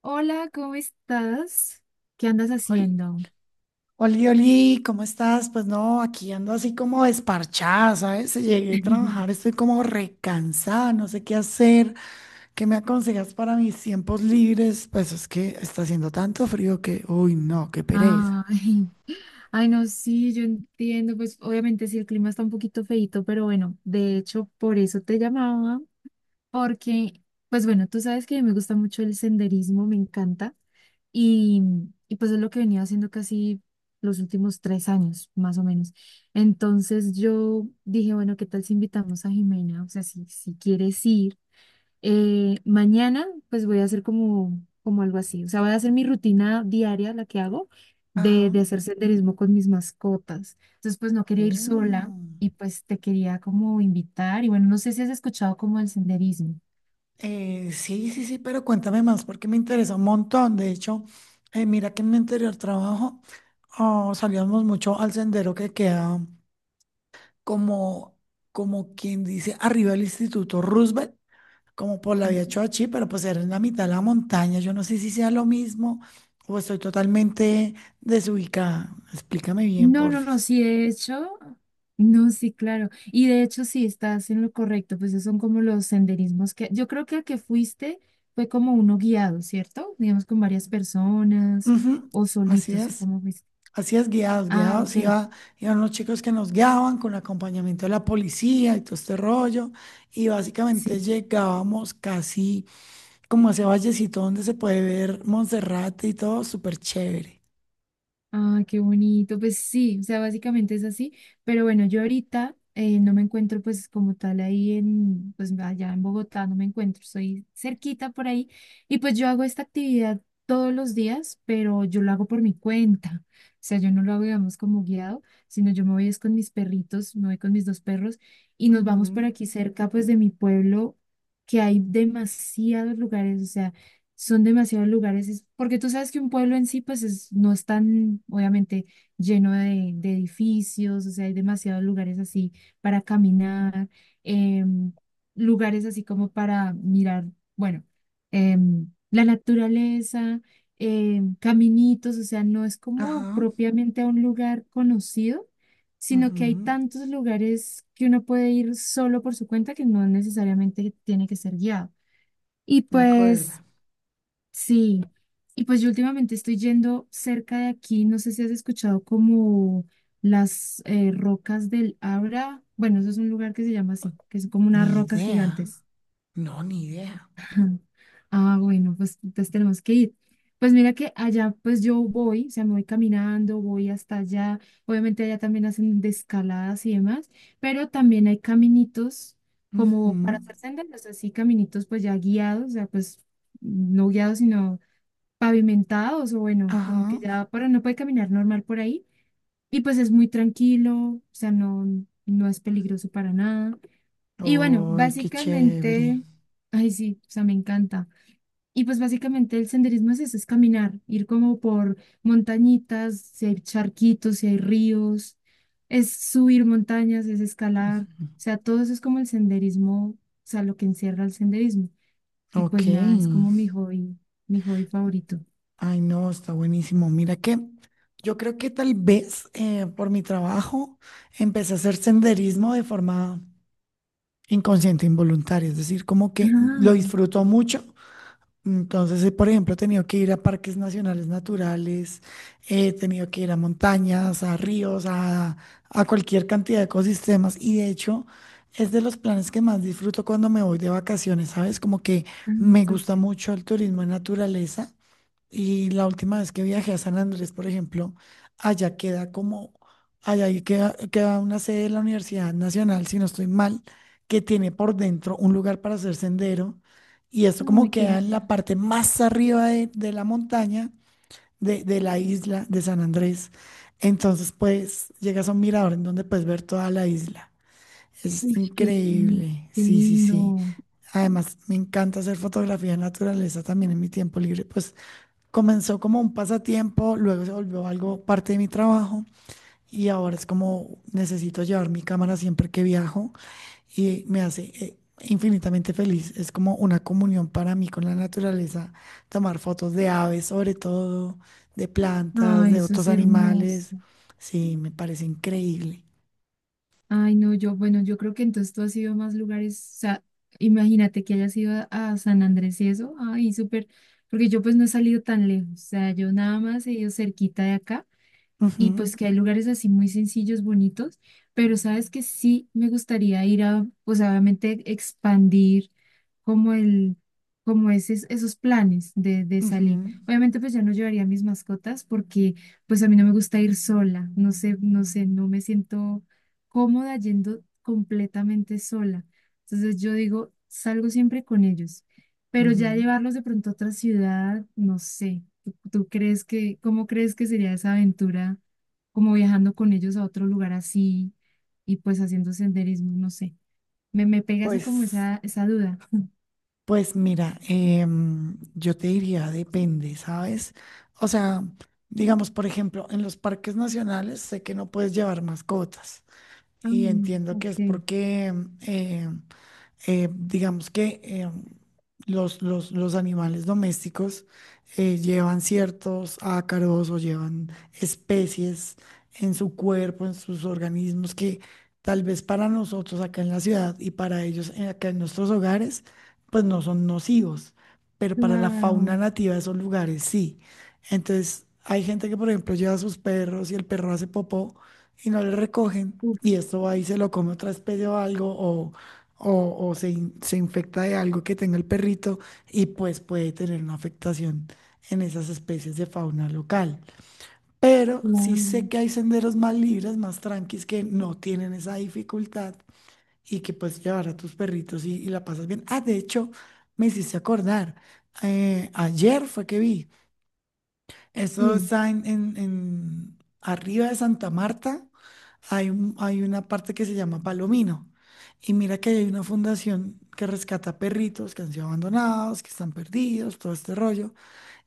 Hola, ¿cómo estás? ¿Qué andas Oli, haciendo? oli, oli, ¿cómo estás? Pues no, aquí ando así como desparchada, ¿sabes? Llegué a trabajar, estoy como recansada, no sé qué hacer. ¿Qué me aconsejas para mis tiempos libres? Pues es que está haciendo tanto frío que, uy, no, qué pereza. Ay, ay, no, sí, yo entiendo, pues obviamente sí, el clima está un poquito feíto, pero bueno, de hecho por eso te llamaba, porque, pues bueno, tú sabes que me gusta mucho el senderismo, me encanta, y, y pues es lo que venía haciendo casi los últimos 3 años, más o menos. Entonces yo dije, bueno, ¿qué tal si invitamos a Jimena? O sea, si quieres ir. Mañana, pues voy a hacer como algo así. O sea, voy a hacer mi rutina diaria, la que hago, de, Ajá. de hacer senderismo con mis mascotas. Entonces, pues no quería ir sola Oh. y pues te quería como invitar. Y bueno, no sé si has escuchado como el senderismo. Sí, sí, sí, pero cuéntame más porque me interesa un montón. De hecho, mira que en mi anterior trabajo oh, salíamos mucho al sendero que queda. como, Como quien dice, arriba el Instituto Roosevelt, como por la vía Choachí, pero pues era en la mitad de la montaña. Yo no sé si sea lo mismo o estoy totalmente desubicada. Explícame bien, No, porfis. sí, de hecho, no, sí, claro. Y de hecho, sí, estás en lo correcto, pues esos son como los senderismos que yo creo que al que fuiste fue como uno guiado, ¿cierto? Digamos con varias personas Ujú. o Así solitos, o es. cómo fuiste. Así es, guiados, Ah, guiados. ok. Iban los chicos que nos guiaban con acompañamiento de la policía y todo este rollo. Y básicamente Sí, llegábamos casi como a ese vallecito donde se puede ver Monserrate y todo, súper chévere. ah, qué bonito. Pues sí, o sea, básicamente es así. Pero bueno, yo ahorita no me encuentro pues como tal ahí en, pues allá en Bogotá, no me encuentro, soy cerquita por ahí. Y pues yo hago esta actividad todos los días, pero yo lo hago por mi cuenta. O sea, yo no lo hago, digamos, como guiado, sino yo me voy es con mis perritos, me voy con mis dos perros y nos vamos por Ujú. aquí cerca pues de mi pueblo, que hay demasiados lugares, o sea. Son demasiados lugares, es- porque tú sabes que un pueblo en sí, pues es- no es tan, obviamente, lleno de edificios, o sea, hay demasiados lugares así para caminar, em, lugares así como para mirar, bueno, la naturaleza, caminitos, o sea, no es como Ajá. propiamente a un lugar conocido, sino que hay Ujú, tantos lugares que uno puede ir solo por su cuenta que no necesariamente tiene que ser guiado. Y de acuerdo. pues sí, y pues yo últimamente estoy yendo cerca de aquí, no sé si has escuchado como las rocas del Abra, bueno, eso es un lugar que se llama así, que son como Ni unas rocas idea. gigantes. No, ni idea. Ah, bueno, pues entonces tenemos que ir. Pues mira que allá pues yo voy, o sea, me voy caminando, voy hasta allá, obviamente allá también hacen de escaladas y demás, pero también hay caminitos Ujú. como para hacer senderos, así caminitos pues ya guiados, o sea, pues no guiados, sino pavimentados o bueno, como que Ajá. ya para no puede caminar normal por ahí. Y pues es muy tranquilo, o sea, no, no es peligroso para nada. Y bueno, Ay, qué chévere. básicamente, ay sí, o sea, me encanta. Y pues básicamente el senderismo es eso, es caminar, ir como por montañitas, si hay charquitos, si hay ríos, es subir montañas, es escalar, o sea, todo eso es como el senderismo, o sea, lo que encierra el senderismo. Y Ok. pues nada, es como mi hobby favorito. Ay, no, está buenísimo. Mira que yo creo que tal vez por mi trabajo empecé a hacer senderismo de forma inconsciente, involuntaria. Es decir, como que lo Ah. disfruto mucho. Entonces, por ejemplo, he tenido que ir a parques nacionales naturales, he tenido que ir a montañas, a ríos, a cualquier cantidad de ecosistemas. Y de hecho, es de los planes que más disfruto cuando me voy de vacaciones, ¿sabes? Como que Ay, me gusta súper. mucho el turismo en naturaleza. Y la última vez que viajé a San Andrés, por ejemplo, allá queda como, allá ahí queda, queda una sede de la Universidad Nacional, si no estoy mal, que tiene por dentro un lugar para hacer sendero. Y esto como Ay, qué queda en la genial. parte más arriba de la montaña, de la isla de San Andrés. Entonces, pues, llegas a un mirador en donde puedes ver toda la isla. Es Uy, qué, genial, increíble, qué sí, sí, sí. lindo. Además, me encanta hacer fotografía de naturaleza también en mi tiempo libre, pues comenzó como un pasatiempo, luego se volvió algo parte de mi trabajo y ahora es como necesito llevar mi cámara siempre que viajo y me hace infinitamente feliz. Es como una comunión para mí con la naturaleza, tomar fotos de aves sobre todo, de plantas, Ay, de eso es otros animales. hermoso. Sí, me parece increíble. Ay, no, yo, bueno, yo creo que entonces tú has ido a más lugares. O sea, imagínate que hayas ido a San Andrés y eso. Ay, súper. Porque yo pues no he salido tan lejos. O sea, yo nada más he ido cerquita de acá. Y Ujú, pues que hay lugares así muy sencillos, bonitos, pero sabes que sí me gustaría ir a, pues obviamente expandir como el, como esos, esos planes de salir. ujú, Obviamente pues ya no llevaría mis mascotas porque pues a mí no me gusta ir sola, no sé, no me siento cómoda yendo completamente sola. Entonces yo digo, salgo siempre con ellos, pero ya ujú. llevarlos de pronto a otra ciudad, no sé. ¿Tú crees que, cómo crees que sería esa aventura? Como viajando con ellos a otro lugar así y pues haciendo senderismo, no sé. Me pega esa como Pues esa duda. Pues mira, yo te diría, depende, ¿sabes? O sea, digamos, por ejemplo, en los parques nacionales sé que no puedes llevar mascotas Ah, y entiendo que es ok, porque em, digamos que los animales domésticos llevan ciertos ácaros o llevan especies en su cuerpo, en sus organismos, que tal vez para nosotros acá en la ciudad y para ellos acá en nuestros hogares, pues no son nocivos, pero para la fauna claro, nativa de esos lugares sí. Entonces, hay gente que, por ejemplo, lleva a sus perros y el perro hace popó y no le recogen. uf, Y esto va y se lo come otra especie o algo, o se infecta de algo que tenga el perrito y pues puede tener una afectación en esas especies de fauna local. Pero sí sé claro, que hay senderos más libres, más tranquis, que no tienen esa dificultad y que puedes llevar a tus perritos y la pasas bien. Ah, de hecho, me hiciste acordar, ayer fue que vi. Eso sí. está arriba de Santa Marta, hay una parte que se llama Palomino. Y mira que hay una fundación que rescata perritos que han sido abandonados, que están perdidos, todo este rollo.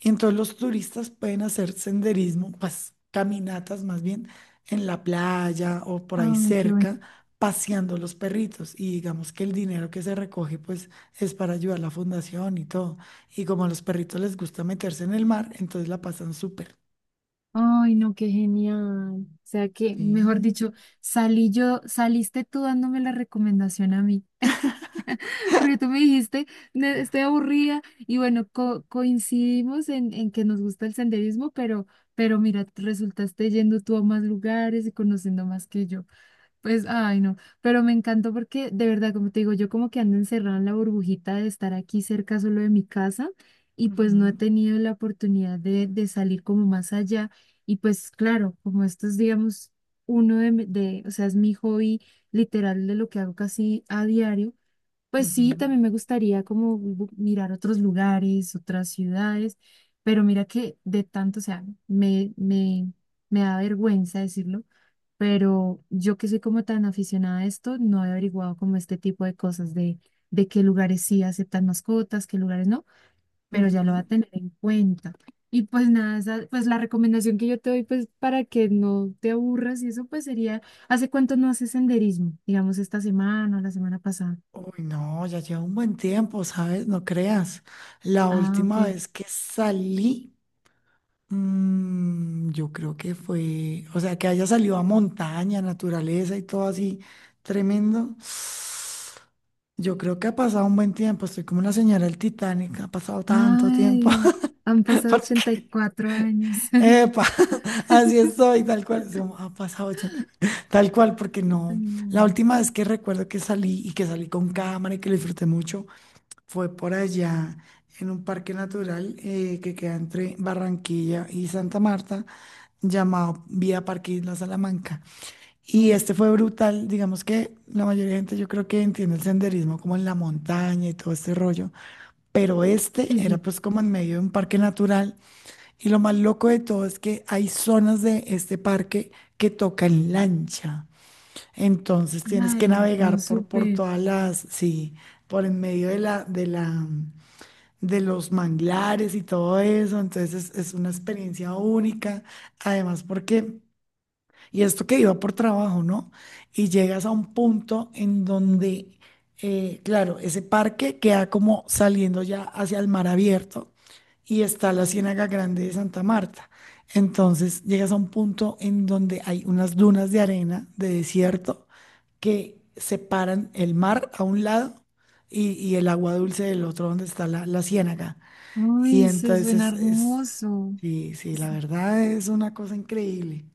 Y entonces los turistas pueden hacer senderismo, pues caminatas más bien en la playa o por ahí Ay, qué bueno. cerca, paseando los perritos. Y digamos que el dinero que se recoge pues es para ayudar a la fundación y todo. Y como a los perritos les gusta meterse en el mar, entonces la pasan súper. Ay, no, qué genial. O sea que, mejor Sí. dicho, salí yo, saliste tú dándome la recomendación a mí, porque tú me dijiste, "Ne- estoy aburrida y bueno, co- coincidimos en que nos gusta el senderismo, pero mira, resultaste yendo tú a más lugares y conociendo más que yo. Pues, ay, no, pero me encantó porque de verdad, como te digo, yo como que ando encerrada en la burbujita de estar aquí cerca solo de mi casa y pues no he Ujú, tenido la oportunidad de salir como más allá. Y pues claro, como esto es, digamos, uno de, mi- de, o sea, es mi hobby literal de lo que hago casi a diario, pues sí, ujú, también me gustaría como bu- mirar otros lugares, otras ciudades, pero mira que de tanto, o sea, me da vergüenza decirlo, pero yo que soy como tan aficionada a esto, no he averiguado como este tipo de cosas de qué lugares sí aceptan mascotas, qué lugares no, pero ya lo va a ujú. tener en cuenta. Y pues nada, esa- pues la recomendación que yo te doy, pues para que no te aburras y eso, pues sería, ¿hace cuánto no haces senderismo? Digamos esta semana o la semana pasada. Uy, no, ya lleva un buen tiempo, ¿sabes? No creas. La Ah, ok. última vez que salí... yo creo que fue, o sea, que haya salido a montaña, naturaleza y todo así tremendo. Yo creo que ha pasado un buen tiempo, estoy como la señora del Titanic, ha pasado tanto tiempo. Ay, han pasado ochenta y Porque, cuatro años. epa, así estoy, tal cual, es como, ha pasado 80, tal cual, porque Ay, no. La no. última vez que recuerdo que salí y que salí con cámara y que lo disfruté mucho fue por allá en un parque natural que queda entre Barranquilla y Santa Marta llamado Vía Parque Isla Salamanca. Y Ok, este fue brutal, digamos que la mayoría de gente yo creo que entiende el senderismo como en la montaña y todo este rollo, pero este sí, era sí. pues como en medio de un parque natural y lo más loco de todo es que hay zonas de este parque que tocan lancha, entonces tienes que Ay, no, navegar por súper. todas las, sí, por en medio de de los manglares y todo eso, entonces es una experiencia única, además porque... Y esto que iba por trabajo, ¿no? Y llegas a un punto en donde, claro, ese parque queda como saliendo ya hacia el mar abierto y está la Ciénaga Grande de Santa Marta. Entonces llegas a un punto en donde hay unas dunas de arena, de desierto, que separan el mar a un lado y el agua dulce del otro donde está la ciénaga. Y Ay, se suena entonces hermoso. sí, sí, la verdad es una cosa increíble.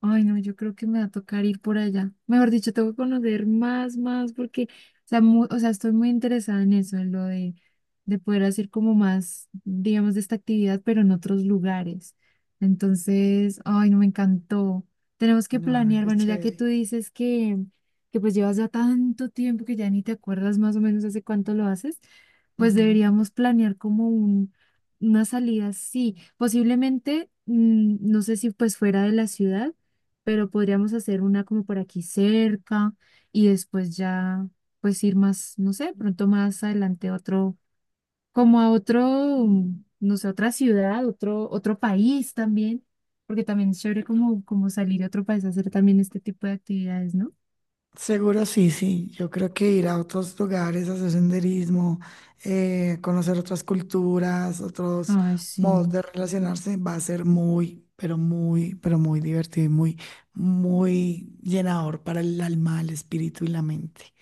Ay, no, yo creo que me va a tocar ir por allá. Mejor dicho, tengo que conocer más, más, porque, o sea, mu- o sea, estoy muy interesada en eso, en lo de poder hacer como más, digamos, de esta actividad, pero en otros lugares. Entonces, ay, no, me encantó. Tenemos que No, planear, qué bueno, ya que tú chévere. dices que pues llevas ya tanto tiempo que ya ni te acuerdas más o menos hace cuánto lo haces, pues Ujú. deberíamos planear como un, una salida, sí, posiblemente, no sé si pues fuera de la ciudad pero podríamos hacer una como por aquí cerca y después ya pues ir más, no sé, pronto más adelante a otro, como a otro, no sé, otra ciudad, otro, otro país también, porque también es chévere como, como salir a otro país a hacer también este tipo de actividades, ¿no? Seguro sí, sí. Yo creo que ir a otros lugares, hacer senderismo, conocer otras culturas, otros Ay, modos sí. de relacionarse, va a ser muy, pero muy, pero muy divertido y muy, muy llenador para el alma, el espíritu y la mente.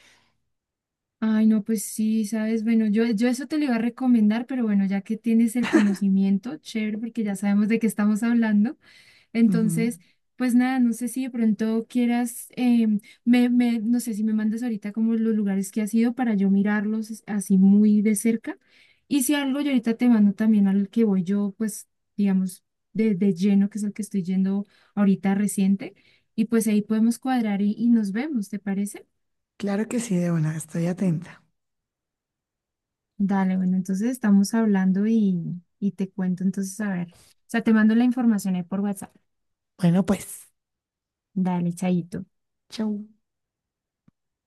Ay, no, pues sí, sabes, bueno, yo eso te lo iba a recomendar, pero bueno, ya que tienes el conocimiento, chévere, porque ya sabemos de qué estamos hablando. Ujú. Entonces, pues nada, no sé si de pronto quieras, em, no sé si me mandas ahorita como los lugares que has ido para yo mirarlos es- así muy de cerca. Y si algo, yo ahorita te mando también al que voy yo, pues, digamos, de lleno, que es el que estoy yendo ahorita reciente. Y pues ahí podemos cuadrar y nos vemos, ¿te parece? Claro que sí, de buena, estoy atenta. Dale, bueno, entonces estamos hablando y te cuento entonces, a ver. O sea, te mando la información ahí por WhatsApp. Bueno, pues, Dale, chaito. chau.